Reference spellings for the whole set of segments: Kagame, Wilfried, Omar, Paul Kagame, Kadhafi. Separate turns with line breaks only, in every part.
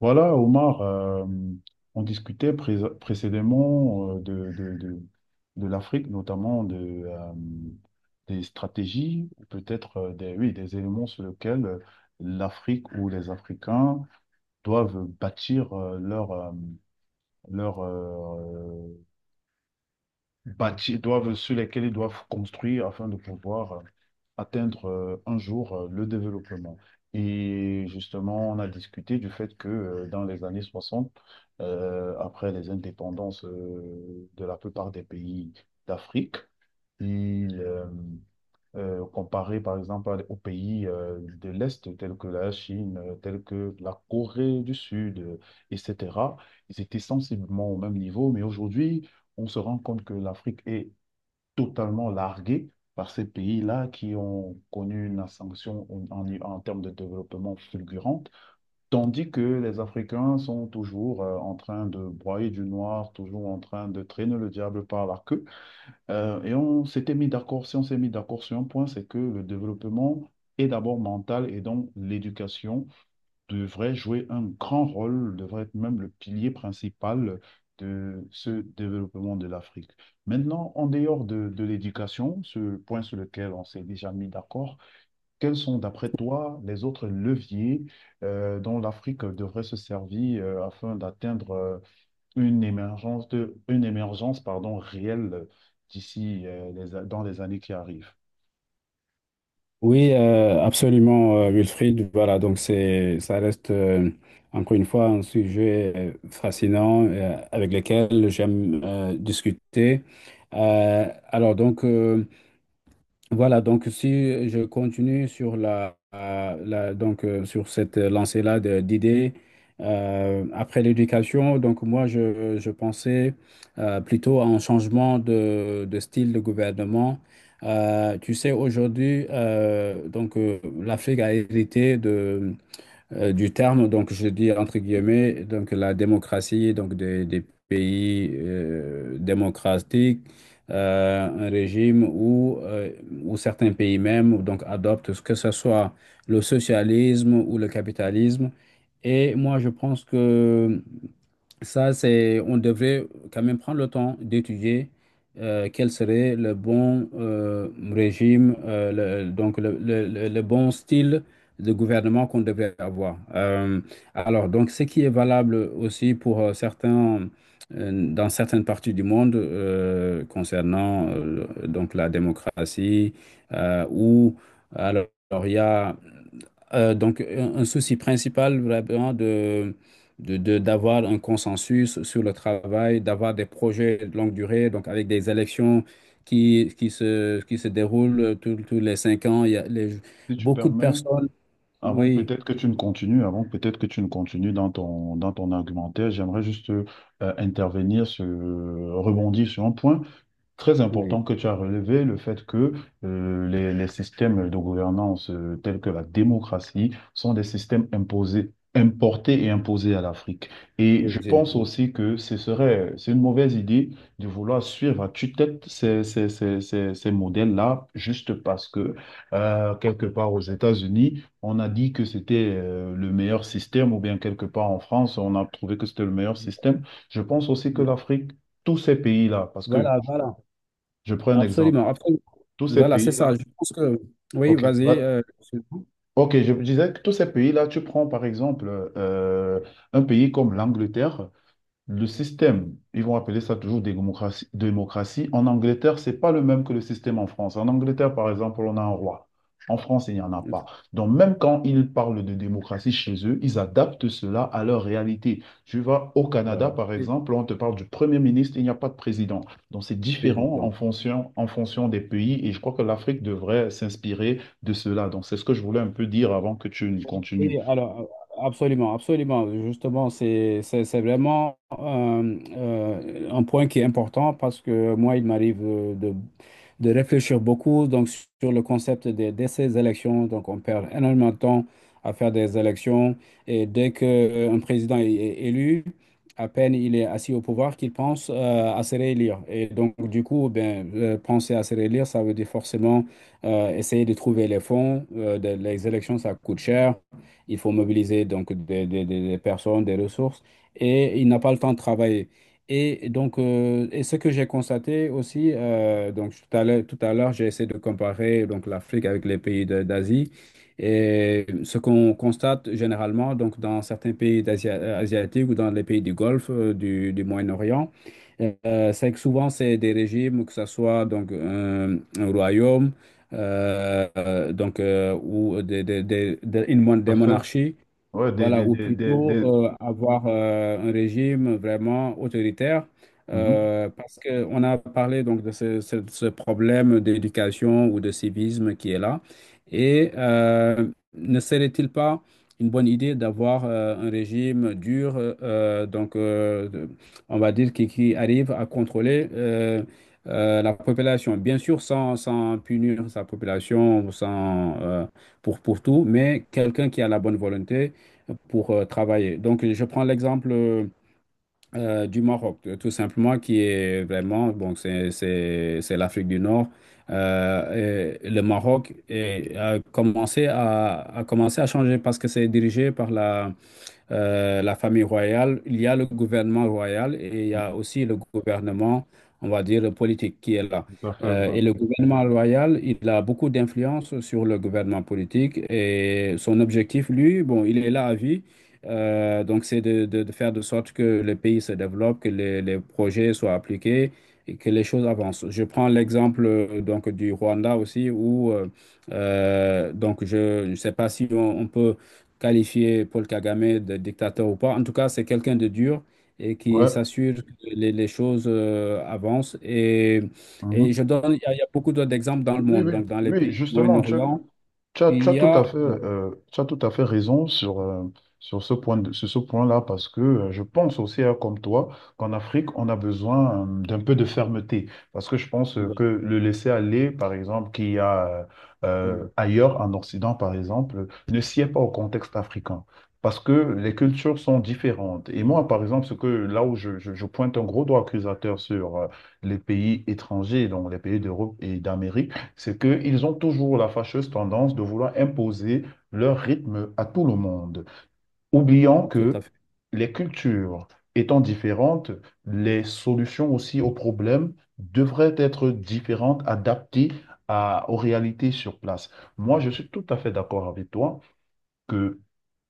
Voilà, Omar, on discutait précédemment de l'Afrique, notamment de des stratégies, ou peut-être des éléments sur lesquels l'Afrique ou les Africains doivent bâtir leur euh, sur lesquels ils doivent construire afin de pouvoir atteindre un jour le développement. Et justement, on a discuté du fait que dans les années 60 après les indépendances de la plupart des pays d'Afrique, il, euh, comparé par exemple aux pays de l'Est, tels que la Chine, tels que la Corée du Sud, etc., ils étaient sensiblement au même niveau, mais aujourd'hui, on se rend compte que l'Afrique est totalement largués par ces pays-là qui ont connu une ascension en termes de développement fulgurante, tandis que les Africains sont toujours en train de broyer du noir, toujours en train de traîner le diable par la queue. Et on s'était mis d'accord, si on s'est mis d'accord sur un point, c'est que le développement est d'abord mental et donc l'éducation devrait jouer un grand rôle, devrait être même le pilier principal de ce développement de l'Afrique. Maintenant, en dehors de l'éducation, ce point sur lequel on s'est déjà mis d'accord, quels sont, d'après toi, les autres leviers dont l'Afrique devrait se servir afin d'atteindre une émergence, pardon, réelle d'ici dans les années qui arrivent?
Oui, absolument, Wilfried. Voilà, ça reste encore une fois un sujet fascinant avec lequel j'aime discuter. Euh, alors donc. euh, voilà, donc si je continue sur sur cette lancée-là d'idées, après l'éducation, je pensais plutôt à un changement de style de gouvernement. Tu sais, aujourd'hui, l'Afrique a hérité du terme. Donc, je dis entre guillemets, donc la démocratie, donc des pays démocratiques, un régime où certains pays même donc adoptent que ce soit le socialisme ou le capitalisme. Et moi, je pense que on devrait quand même prendre le temps d'étudier quel serait le bon régime, le bon style de gouvernement qu'on devrait avoir. Alors, donc, ce qui est valable aussi pour certains, dans certaines parties du monde concernant donc la démocratie, ou alors il y a un souci principal vraiment d'avoir un consensus sur le travail, d'avoir des projets de longue durée, donc avec des élections qui se déroulent tous tous les 5 ans. Il y a les-
Si tu
Beaucoup de
permets,
personnes.
avant que
Oui,
peut-être que tu ne continues, avant que peut-être que tu ne continues dans ton argumentaire, j'aimerais juste intervenir, sur, rebondir sur un point. Très
oui.
important que tu as relevé le fait que les systèmes de gouvernance tels que la démocratie sont des systèmes imposés, importés et imposés à l'Afrique. Et
Oui,
je
j'ai-.
pense aussi que c'est une mauvaise idée de vouloir suivre à tue-tête ces modèles-là juste parce que quelque part aux États-Unis, on a dit que c'était le meilleur système ou bien quelque part en France, on a trouvé que c'était le meilleur système. Je pense aussi que l'Afrique, tous ces pays-là, parce que
Voilà, voilà.
je prends un exemple.
Absolument, absolument.
Tous ces
Voilà, c'est ça.
pays-là,
Je pense que. Oui,
ok,
vas-y.
va-
C'est bon.
ok, je disais que tous ces pays-là, tu prends par exemple euh, un pays comme l'Angleterre. Le système, ils vont appeler ça toujours démocratie, démocratie. En Angleterre, c'est pas le même que le système en France. En Angleterre, par exemple, on a un roi. En France, il n'y en a pas. Donc, même quand ils parlent de démocratie chez eux, ils adaptent cela à leur réalité. Tu vas au
Alors,
Canada, par exemple, on te parle du Premier ministre, il n'y a pas de président. Donc, c'est
c'est
différent
bon.
en fonction des pays et je crois que l'Afrique devrait s'inspirer de cela. Donc, c'est ce que je voulais un peu dire avant que tu ne
Oui,
continues.
alors absolument, absolument. Justement, c'est vraiment un point qui est important parce que moi, il m'arrive de réfléchir beaucoup donc, sur le concept ces élections. Donc, on perd énormément de temps à faire des élections et dès qu'un président est est élu, à peine il est assis au pouvoir qu'il pense à se réélire. Et donc, du coup, ben, penser à se réélire, ça veut dire forcément essayer de trouver les fonds. Les élections, ça coûte cher. Il faut mobiliser donc des personnes, des ressources, et il n'a pas le temps de travailler. Et donc, et ce que j'ai constaté aussi, donc tout à l'heure, j'ai essayé de comparer donc l'Afrique avec les pays d'Asie. Et ce qu'on constate généralement, donc dans certains pays asiatiques ou dans les pays du Golfe, du Moyen-Orient, c'est que souvent c'est des régimes, que ce soit donc un royaume ou une
Tout à
des
fait.
monarchies,
Ouais,
voilà, ou plutôt avoir un régime vraiment autoritaire,
mhm.
parce qu'on a parlé donc de ce problème d'éducation ou de civisme qui est là. Et ne serait-il pas une bonne idée d'avoir un régime dur, on va dire qui arrive à contrôler la population, bien sûr sans punir sa population, sans, pour tout, mais quelqu'un qui a la bonne volonté pour travailler. Donc, je prends l'exemple du Maroc, tout simplement, qui est vraiment, bon, c'est l'Afrique du Nord. Et le Maroc a commencé à changer parce que c'est dirigé par la famille royale, il y a le gouvernement royal et il y a aussi le gouvernement, on va dire, politique qui est là.
Tout à fait, ouais.
Et le gouvernement royal, il a beaucoup d'influence sur le gouvernement politique et son objectif, lui, bon, il est là à vie. Donc, c'est de faire de sorte que le pays se développe, que les projets soient appliqués et que les choses avancent. Je prends l'exemple donc du Rwanda aussi, où je ne sais pas si on on peut qualifier Paul Kagame de dictateur ou pas. En tout cas, c'est quelqu'un de dur et qui
Ouais.
s'assure que les choses avancent. Et
Mhm.
je donne, il y a beaucoup d'autres exemples dans le
Oui,
monde.
oui,
Donc, dans les
oui,
pays du
justement, tu,
Moyen-Orient,
Tu as, tu
il
as
y
tout à
a...
fait, tu as tout à fait raison sur, sur ce point-là, parce que je pense aussi, hein, comme toi, qu'en Afrique, on a besoin d'un peu de fermeté. Parce que je pense
euh,
que le laisser aller, par exemple, qu'il y a
oui.
ailleurs en Occident, par exemple, ne sied pas au contexte africain. Parce que les cultures sont différentes. Et moi, par exemple, ce que là où je pointe un gros doigt accusateur sur les pays étrangers, donc les pays d'Europe et d'Amérique, c'est qu'ils ont toujours la fâcheuse tendance de vouloir imposer leur rythme à tout le monde, oubliant
Tout
que
à fait.
les cultures étant différentes, les solutions aussi aux problèmes devraient être différentes, adaptées aux réalités sur place. Moi, je suis tout à fait d'accord avec toi que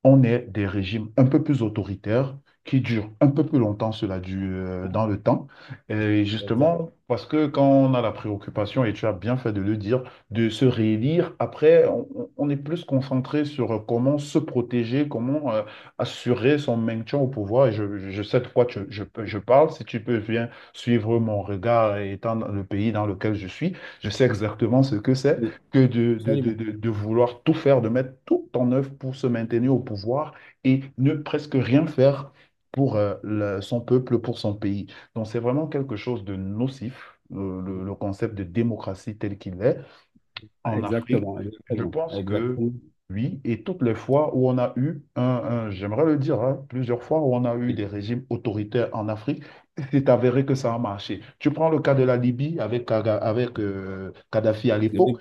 on est des régimes un peu plus autoritaires qui durent un peu plus longtemps, cela dans le temps. Et
Exact.
justement, parce que quand on a la préoccupation, et tu as bien fait de le dire, de se réélire, après, on est plus concentré sur comment se protéger, comment assurer son maintien au pouvoir. Et je sais de quoi je parle. Si tu peux bien suivre mon regard étant dans le pays dans lequel je suis, je sais exactement ce que c'est
Oui,
que
absolument.
de vouloir tout faire, de mettre tout en œuvre pour se maintenir au pouvoir et ne presque rien faire pour son peuple, pour son pays. Donc c'est vraiment quelque chose de nocif, le concept de démocratie tel qu'il est en Afrique.
Exactement,
Je
exactement,
pense que
exactement.
oui, et toutes les fois où on a eu un, j'aimerais le dire, hein, plusieurs fois où on a eu des régimes autoritaires en Afrique, c'est avéré que ça a marché. Tu prends le cas de la Libye avec, Kadhafi à
Oui,
l'époque.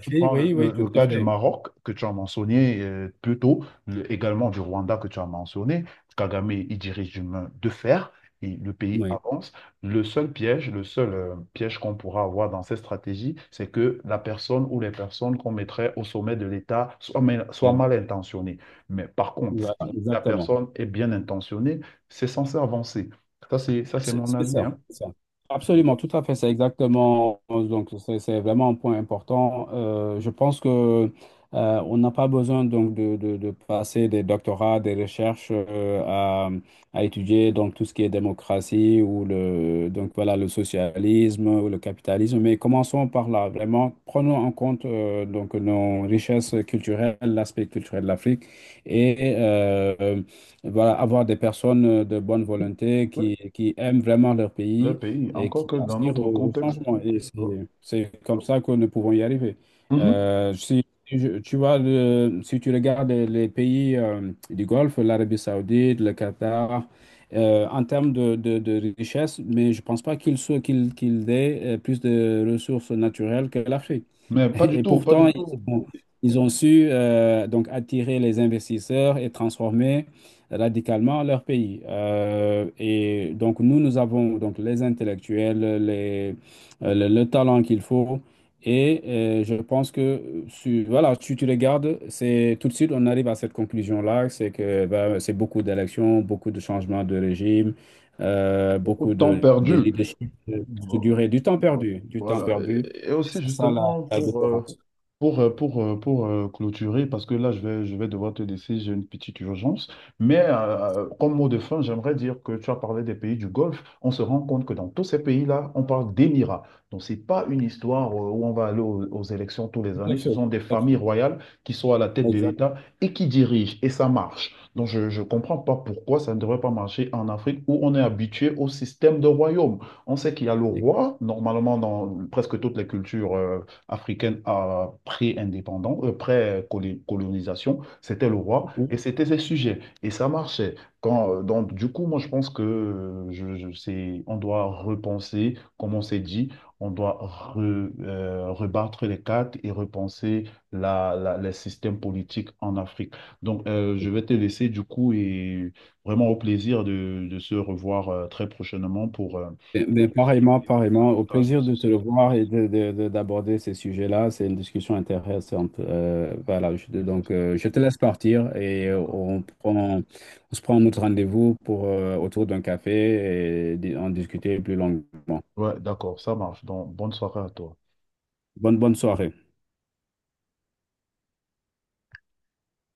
Tu prends
oui, oui, tout
le
à
cas du
fait.
Maroc que tu as mentionné plus tôt, également du Rwanda que tu as mentionné. Kagame, il dirige d'une main de fer et le pays
Oui,
avance. Le seul piège qu'on pourra avoir dans cette stratégie, c'est que la personne ou les personnes qu'on mettrait au sommet de l'État soient mal intentionnées. Mais par contre,
voilà,
si la
exactement.
personne est bien intentionnée, c'est censé avancer. Ça, c'est
C'est
mon
c'est
avis,
ça,
hein.
c'est ça. Absolument, tout à fait, c'est exactement. Donc, c'est vraiment un point important. Je pense que on n'a pas besoin donc de passer des doctorats, des recherches à étudier donc tout ce qui est démocratie ou le donc voilà le socialisme ou le capitalisme. Mais commençons par là. Vraiment, prenons en compte donc nos richesses culturelles, l'aspect culturel de l'Afrique et voilà, avoir des personnes de bonne volonté
Oui,
qui aiment vraiment leur
le
pays
pays,
et
encore
qui
que dans
aspirent
notre
au, au
contexte.
changement.
euh,
C'est comme ça que nous pouvons y arriver.
mhm.
Si, je- Tu vois, si tu regardes les pays du Golfe, l'Arabie Saoudite, le Qatar, en termes de richesse, mais je ne pense pas qu'ils aient plus de ressources naturelles que l'Afrique.
Mais pas du
Et
tout, pas
pourtant,
du tout.
ils ont su donc attirer les investisseurs et transformer radicalement leur pays. Et donc nous, nous avons donc les intellectuels, le talent qu'il faut. Et je pense que si voilà, si tu regardes, c'est tout de suite on arrive à cette conclusion-là, c'est que ben, c'est beaucoup d'élections, beaucoup de changements de régime,
Beaucoup
beaucoup
de temps
de
perdu.
leadership, de durée, du temps perdu, du temps
Voilà.
perdu.
Et
Et
aussi,
C'est ça la-
justement,
la
pour,
différence.
pour, pour, clôturer, parce que là, je vais devoir te laisser, j'ai une petite urgence. Mais comme mot de fin, j'aimerais dire que tu as parlé des pays du Golfe. On se rend compte que dans tous ces pays-là, on parle d'émirats. Donc, ce n'est pas une histoire où on va aller aux, aux élections tous les
Tout à
années. Ce
fait,
sont des
tout à
familles
fait.
royales qui sont à la tête de
Exact.
l'État et qui dirigent. Et ça marche. Donc, je ne comprends pas pourquoi ça ne devrait pas marcher en Afrique où on est habitué au système de royaume. On sait qu'il y a le
Et-.
roi, normalement, dans presque toutes les cultures. Africaine à pré-indépendance, pré-colonisation, c'était le roi et c'était ses sujets. Et ça marchait. Du coup, moi, je pense que c'est, on doit repenser, comme on s'est dit, on doit rebattre les cartes et repenser les systèmes politiques en Afrique. Donc, je vais te laisser, du coup, et vraiment au plaisir de se revoir très prochainement pour
Ben, pareillement, pareillement. Au
davantage de
plaisir
ce
de te
sujet.
revoir et d'aborder ces sujets-là. C'est une discussion intéressante. Je te laisse partir et
D'accord.
on prend, on se prend notre rendez-vous pour, autour d'un café et en discuter plus longuement.
Ouais, d'accord, ça marche. Donc, bonne soirée à toi.
Bonne, bonne soirée.